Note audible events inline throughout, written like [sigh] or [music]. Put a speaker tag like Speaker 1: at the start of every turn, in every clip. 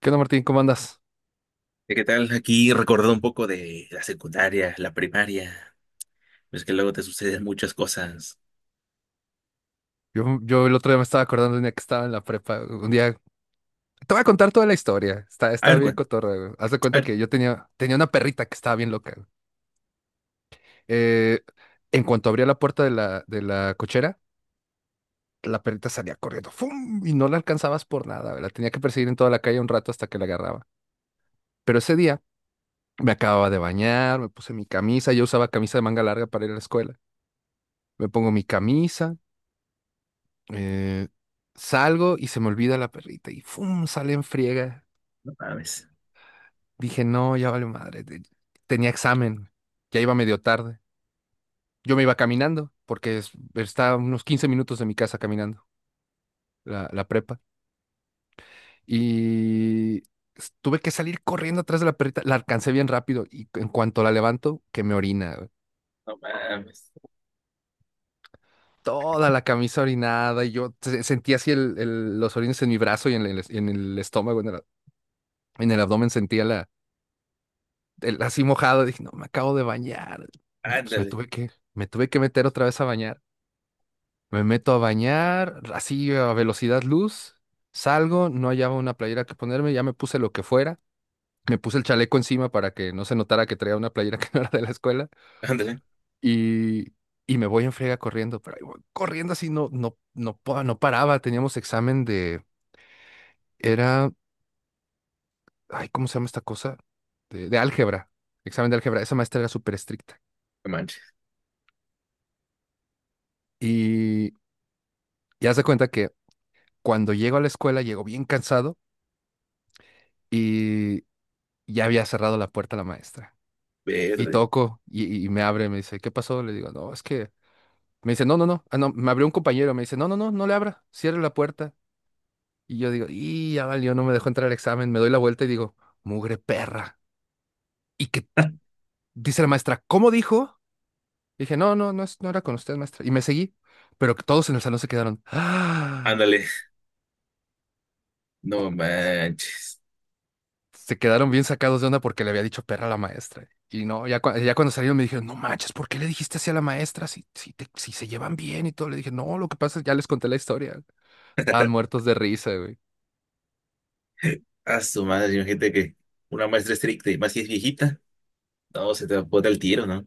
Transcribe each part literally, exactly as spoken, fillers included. Speaker 1: ¿Qué onda, Martín? ¿Cómo andas?
Speaker 2: ¿Qué tal? Aquí recordando un poco de la secundaria, la primaria. Es que luego te suceden muchas cosas.
Speaker 1: Yo, yo el otro día me estaba acordando de un día que estaba en la prepa. Un día, te voy a contar toda la historia. Está,
Speaker 2: A
Speaker 1: está
Speaker 2: ver,
Speaker 1: bien
Speaker 2: cuál.
Speaker 1: cotorra, güey. Haz de
Speaker 2: A
Speaker 1: cuenta
Speaker 2: ver,
Speaker 1: que yo tenía, tenía una perrita que estaba bien loca, güey. Eh, en cuanto abría la puerta de la, de la cochera, la perrita salía corriendo. ¡Fum! Y no la alcanzabas por nada, güey. La tenía que perseguir en toda la calle un rato hasta que la agarraba. Pero ese día me acababa de bañar, me puse mi camisa. Yo usaba camisa de manga larga para ir a la escuela. Me pongo mi camisa. eh, Salgo y se me olvida la perrita y ¡fum! Sale en friega.
Speaker 2: no mames.
Speaker 1: Dije, no, ya vale madre. te- Tenía examen, ya iba medio tarde. Yo me iba caminando, porque es- está a unos quince minutos de mi casa caminando, la, la prepa. Y s- tuve que salir corriendo atrás de la perrita. La alcancé bien rápido y en cuanto la levanto, que me orina, güey.
Speaker 2: No mames.
Speaker 1: Toda la camisa orinada y yo se- sentía así el, el- los orines en mi brazo y en el, en el estómago, en el, en el abdomen sentía la, el- así mojado. Dije, no, me acabo de bañar. Pues me
Speaker 2: Ándale,
Speaker 1: tuve que, me tuve que meter otra vez a bañar. Me meto a bañar, así a velocidad luz, salgo, no hallaba una playera que ponerme, ya me puse lo que fuera, me puse el chaleco encima para que no se notara que traía una playera [laughs] que no era de la escuela
Speaker 2: ándale.
Speaker 1: y, y me voy en friega corriendo, pero ahí voy corriendo así no, no, no, pa- no paraba, teníamos examen de, era, ay, ¿cómo se llama esta cosa? De, de álgebra, examen de álgebra, esa maestra era súper estricta
Speaker 2: No manches.
Speaker 1: y, y haz de cuenta que cuando llego a la escuela llego bien cansado y ya había cerrado la puerta la maestra. Y
Speaker 2: Verde.
Speaker 1: toco y, y me abre, me dice, ¿qué pasó? Le digo, no, es que... Me dice, no, no, no. Ah, no, me abrió un compañero, me dice, no, no, no, no le abra, cierre la puerta. Y yo digo, y ya valió, no me dejó entrar al examen. Me doy la vuelta y digo, mugre perra. Y que dice la maestra, ¿cómo dijo? Dije, no, no, no, es- no era con usted, maestra. Y me seguí, pero que todos en el salón se quedaron, ah,
Speaker 2: Ándale. No manches.
Speaker 1: se quedaron bien sacados de onda porque le había dicho perra a la maestra. Y no, ya, cua- ya cuando salieron me dijeron, no manches, ¿por qué le dijiste así a la maestra si, si, te- si se llevan bien y todo? Le dije, no, lo que pasa es que ya les conté la historia. Estaban muertos de risa, güey.
Speaker 2: [laughs] A su madre, imagínate que una maestra estricta y más si es viejita. No, se te bota el tiro, ¿no?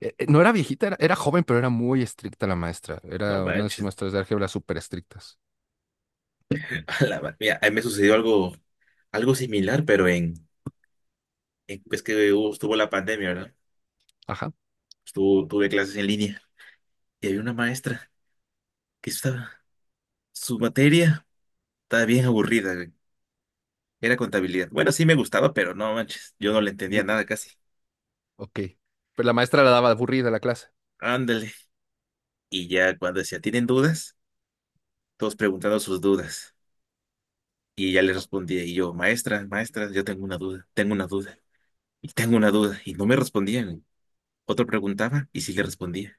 Speaker 1: Eh, eh, No era viejita, era, era joven, pero era muy estricta la maestra.
Speaker 2: No
Speaker 1: Era una de esas
Speaker 2: manches.
Speaker 1: maestras de álgebra súper estrictas.
Speaker 2: A la ma- Mira, a mí me sucedió algo, algo similar, pero en, en pues que hubo- estuvo la pandemia, ¿verdad?
Speaker 1: Ajá.
Speaker 2: Estuvo, tuve clases en línea y había una maestra que estaba. Su materia estaba bien aburrida, güey. Era contabilidad. Bueno, sí me gustaba, pero no manches, yo no le entendía
Speaker 1: D-
Speaker 2: nada casi.
Speaker 1: ok. Pero la maestra la daba aburrida la clase.
Speaker 2: Ándale. Y ya cuando decía, ¿tienen dudas? Todos preguntando sus dudas. Y ya le respondía, y yo, maestra, maestra, yo tengo una duda, tengo una duda, y tengo una duda. Y no me respondían, güey. Otro preguntaba y sí le respondía.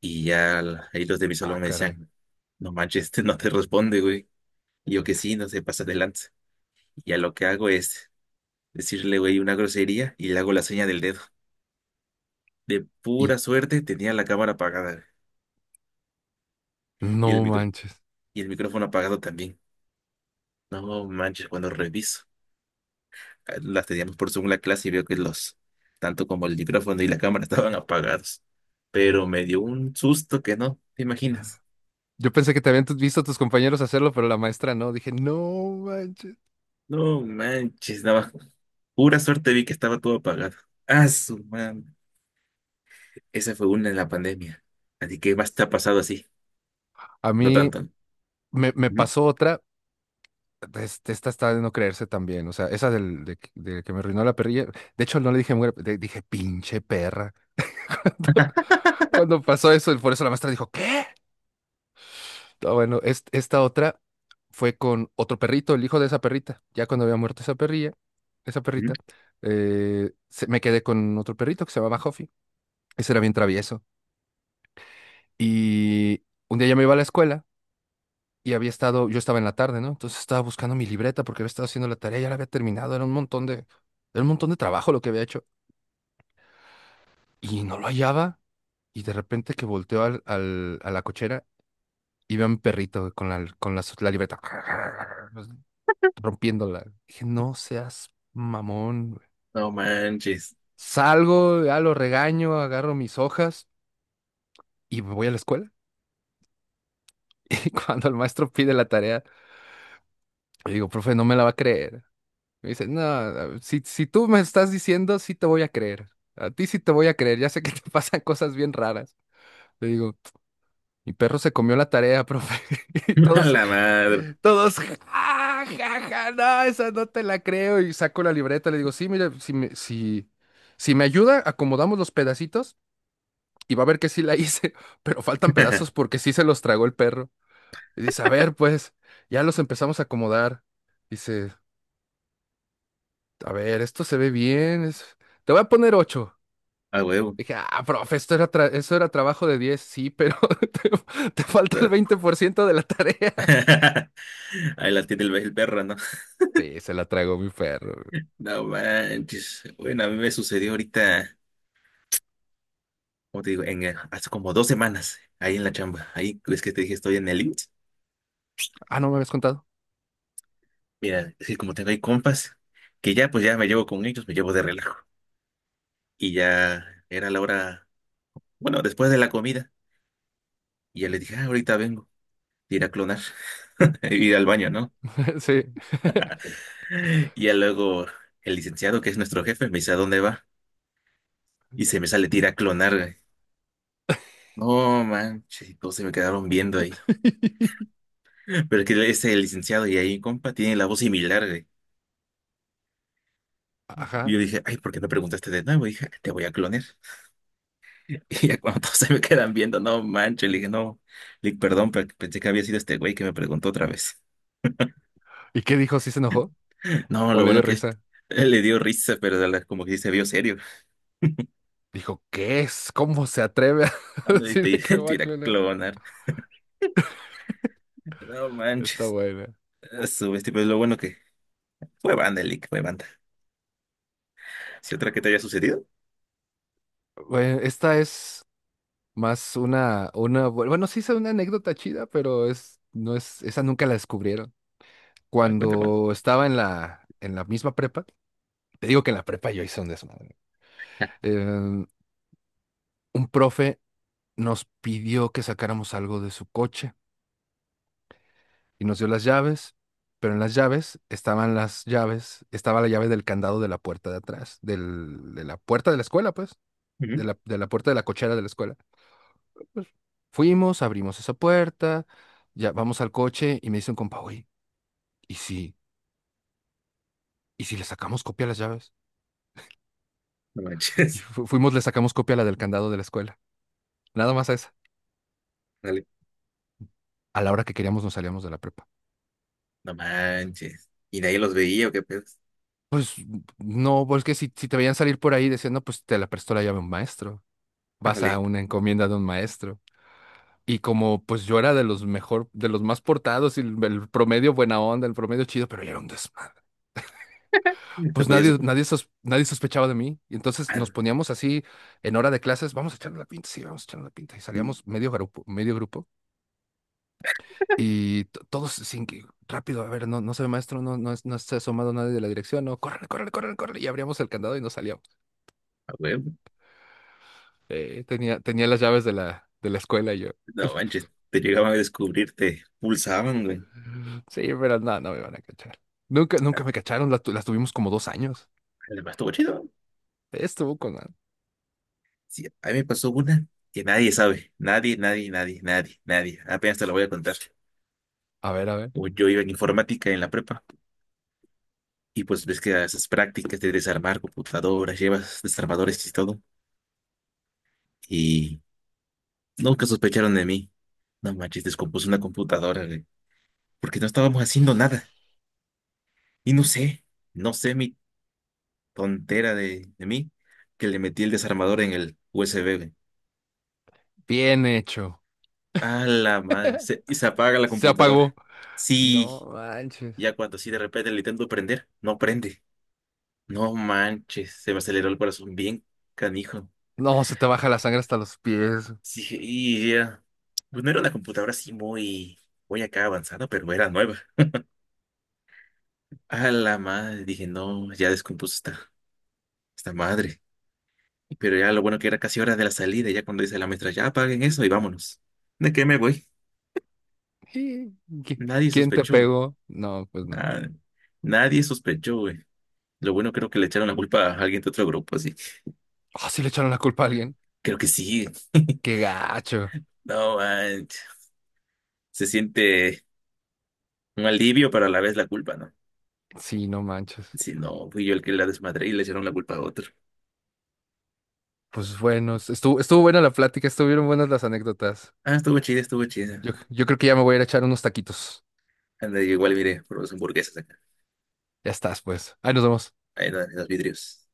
Speaker 2: Y ya la- ahí los de mi
Speaker 1: Ah,
Speaker 2: salón me
Speaker 1: caray.
Speaker 2: decían, no manches, este no te responde, güey. Y yo que sí, no se pasa adelante. Y ya lo que hago es decirle, güey, una grosería y le hago la seña del dedo. De
Speaker 1: Y
Speaker 2: pura suerte tenía la cámara apagada y el
Speaker 1: no
Speaker 2: micro
Speaker 1: manches.
Speaker 2: y el micrófono apagado también. No manches, cuando reviso eh, las teníamos por Zoom la clase y veo que los, tanto como el micrófono y la cámara [laughs] estaban apagados. Pero me dio un susto que no, ¿te imaginas?
Speaker 1: Yo pensé que te habían tu- visto a tus compañeros hacerlo, pero la maestra no. Dije, no manches.
Speaker 2: No manches, nada más. Pura suerte vi que estaba todo apagado. Ah, su man. Esa fue una en la pandemia. Así que más te ha pasado así.
Speaker 1: A
Speaker 2: No
Speaker 1: mí
Speaker 2: tanto, ¿no?
Speaker 1: me, me
Speaker 2: Ujú,
Speaker 1: pasó otra. Este, esta está de no creerse también. O sea, esa del, de, que de que me arruinó la perrilla. De hecho, no le dije mujer, le dije pinche perra. [laughs] Cuando pasó eso, y por eso la maestra dijo, ¿qué? Ah, bueno, es- esta otra fue con otro perrito, el hijo de esa perrita. Ya cuando había muerto esa perrilla, esa
Speaker 2: ujú.
Speaker 1: perrita, eh, se- me quedé con otro perrito que se llamaba Huffy. Ese era bien travieso. Y un día ya me iba a la escuela y había estado, yo estaba en la tarde, ¿no? Entonces estaba buscando mi libreta porque había estado haciendo la tarea, ya la había terminado, era un montón de, era un montón de trabajo lo que había hecho. Y no lo hallaba y de repente que volteo al, al- a la cochera y veo a mi perrito con la, con la, la libreta. [laughs] rompiéndola. Dije, no seas mamón, güey.
Speaker 2: No manches.
Speaker 1: Salgo, ya lo regaño, agarro mis hojas y me voy a la escuela. [laughs] Y cuando el maestro pide la tarea, le digo, profe, no me la va a creer. Me dice, no, a- si, si, tú me estás diciendo, sí te voy a creer. A ti sí te voy a creer. Ya sé que te [laughs] pasan cosas bien raras. Le digo, mi perro se comió la tarea, profe. [laughs] Y
Speaker 2: [laughs] A
Speaker 1: todos,
Speaker 2: la madre.
Speaker 1: todos, ja, ja, ja, no, esa no te la creo. Y saco la libreta, le digo, sí, mire, si me, si, si me ayuda, acomodamos los pedacitos y va a ver que sí la hice, [laughs] pero faltan pedazos
Speaker 2: [laughs]
Speaker 1: porque sí se los tragó el perro. Y dice, a ver, pues, ya los empezamos a acomodar. Dice, a ver, esto se ve bien, es- te voy a poner ocho.
Speaker 2: A huevo.
Speaker 1: Dije, ah, profe, esto era tra- eso era trabajo de diez, sí, pero [laughs] te, te falta el veinte por ciento de la tarea.
Speaker 2: [laughs] Ahí la tiene el, el perro, ¿no? [laughs]
Speaker 1: Sí, se la tragó mi perro.
Speaker 2: No manches. Bueno, a mí me sucedió ahorita, como te digo, en, eh, hace como dos semanas, ahí en la chamba. Ahí es que te dije, estoy en el I M S S.
Speaker 1: Ah, ¿no me habías contado?
Speaker 2: Mira, es que como tengo ahí compas, que ya pues ya me llevo con ellos, me llevo de relajo. Y ya era la hora, bueno, después de la comida. Y ya les dije, ah, ahorita vengo, ir a clonar, [laughs] ir al baño, ¿no?
Speaker 1: [laughs] Sí.
Speaker 2: Y ya luego el licenciado, que es nuestro jefe, me dice, ¿a dónde va? Y se me sale tira a clonar. No manches, y todos se me quedaron viendo ahí.
Speaker 1: [laughs]
Speaker 2: [laughs] Pero es que ese licenciado y ahí, compa, tiene la voz similar, güey. Y
Speaker 1: Ajá.
Speaker 2: yo dije, ay, ¿por qué no preguntaste de nuevo? Y dije, te voy a clonar. [laughs] Y ya cuando todos se me quedan viendo, no manches, le dije, no, le dije, perdón, pe- pensé que había sido este güey que me preguntó otra vez.
Speaker 1: ¿Y qué dijo? ¿Sí se enojó?
Speaker 2: [laughs] No,
Speaker 1: ¿O
Speaker 2: lo
Speaker 1: le dio
Speaker 2: bueno que es,
Speaker 1: risa?
Speaker 2: [laughs] él le dio risa, pero a la- como que sí se vio serio. [laughs]
Speaker 1: Dijo, ¿qué es? ¿Cómo se atreve a
Speaker 2: Ah,
Speaker 1: [laughs]
Speaker 2: no, y te,
Speaker 1: decirme que
Speaker 2: [laughs]
Speaker 1: va
Speaker 2: te
Speaker 1: a
Speaker 2: iba a
Speaker 1: clonar?
Speaker 2: clonar. No
Speaker 1: Está
Speaker 2: manches,
Speaker 1: buena.
Speaker 2: a su bestia, pero lo bueno que fue banda, Lick, fue banda. Si otra que te haya sucedido,
Speaker 1: Bueno, esta es más una, una, bu- bueno, sí es una anécdota chida, pero es, no es, esa nunca la descubrieron.
Speaker 2: ah, cuenta, cuenta.
Speaker 1: Cuando estaba en la, en la misma prepa, te digo que en la prepa yo hice un desmadre. Eh, un profe nos pidió que sacáramos algo de su coche. Y nos dio las llaves, pero en las llaves estaban las llaves, estaba la llave del candado de la puerta de atrás, del- de la puerta de la escuela, pues, de
Speaker 2: Ujú.
Speaker 1: la, de la puerta de la cochera de la escuela. Pues, fuimos, abrimos esa puerta, ya vamos al coche y me dice un compa, oye, ¿y si, y si le sacamos copia a las llaves?
Speaker 2: No
Speaker 1: Y
Speaker 2: manches.
Speaker 1: fu- fuimos, le sacamos copia a la del candado de la escuela, nada más a esa.
Speaker 2: [laughs] Dale.
Speaker 1: A la hora que queríamos nos salíamos de la prepa.
Speaker 2: No manches. Y nadie los veía, ¿o qué pedo?
Speaker 1: Pues no, porque si, si te veían salir por ahí diciendo, pues te la prestó la llave un maestro. Vas a
Speaker 2: Ándale,
Speaker 1: una encomienda de un maestro. Y como pues yo era de los mejor, de los más portados y el, el promedio buena onda, el promedio chido, pero yo era un desmadre.
Speaker 2: te
Speaker 1: Pues
Speaker 2: podías
Speaker 1: nadie,
Speaker 2: ocupar.
Speaker 1: nadie, sos- nadie sospechaba de mí. Y entonces nos
Speaker 2: Ah,
Speaker 1: poníamos así en hora de clases, vamos a echarle la pinta, sí, vamos a echarle la pinta. Y salíamos medio grupo, medio grupo. Y to- todos sin que, rápido, a ver, no, no se ve maestro, no, no, es- no se ha asomado nadie de la dirección, no, córrele, córrele, córrele, córrele. Y abríamos el candado y nos salíamos.
Speaker 2: a huevo.
Speaker 1: Eh, tenía, tenía las llaves de la, de la escuela y yo.
Speaker 2: No manches, te llegaban a descubrir, te pulsaban, güey.
Speaker 1: Sí, pero no, no me van a cachar. Nunca, nunca me cacharon, la tu- las tuvimos como dos años.
Speaker 2: Además, estuvo chido.
Speaker 1: Estuvo con... la-
Speaker 2: Sí, a mí me pasó una que nadie sabe. Nadie, nadie, nadie, nadie, nadie. Apenas te la voy a contar.
Speaker 1: A ver, a ver.
Speaker 2: Pues yo iba en informática en la prepa y pues ves que esas prácticas de desarmar computadoras, llevas desarmadores y todo. Y nunca sospecharon de mí. No manches, descompuse una computadora, güey, porque no estábamos haciendo nada. Y no sé, no sé, mi tontera de, de mí que le metí el desarmador en el U S B, güey.
Speaker 1: Bien hecho.
Speaker 2: A la madre.
Speaker 1: [laughs]
Speaker 2: Se- y se apaga la
Speaker 1: Se
Speaker 2: computadora.
Speaker 1: apagó. No
Speaker 2: Sí,
Speaker 1: manches.
Speaker 2: ya cuando sí de repente le intento prender, no prende. No manches, se me aceleró el corazón bien canijo.
Speaker 1: No, se te baja la sangre hasta los pies.
Speaker 2: Sí, dije, y ya. Pues no era una computadora así muy, muy acá avanzada, pero era nueva. A la madre, dije, no, ya descompuso esta, esta madre. Pero ya lo bueno que era casi hora de la salida, ya cuando dice la maestra, ya apaguen eso y vámonos. ¿De qué me voy?
Speaker 1: Sí. ¿Qui-
Speaker 2: Nadie
Speaker 1: Quién te
Speaker 2: sospechó.
Speaker 1: pegó? No, pues no.
Speaker 2: Ah, nadie sospechó, güey. Lo bueno creo que le echaron la culpa a alguien de otro grupo, así.
Speaker 1: Ah, sí le echaron la culpa a alguien.
Speaker 2: Creo que sí. [laughs]
Speaker 1: Qué gacho.
Speaker 2: No, manches. Se siente un alivio, pero a la vez la culpa, ¿no?
Speaker 1: Sí, no manches.
Speaker 2: Si no, fui yo el que la desmadré y le echaron la culpa a otro.
Speaker 1: Pues bueno, es- estuvo, estuvo buena la plática, estuvieron buenas las anécdotas.
Speaker 2: Ah, estuvo chida, estuvo chida.
Speaker 1: Yo, yo creo que ya me voy a ir a echar unos taquitos.
Speaker 2: Anda, yo igual miré por los hamburguesas acá.
Speaker 1: Ya estás, pues. Ahí nos vemos.
Speaker 2: Ahí en los vidrios.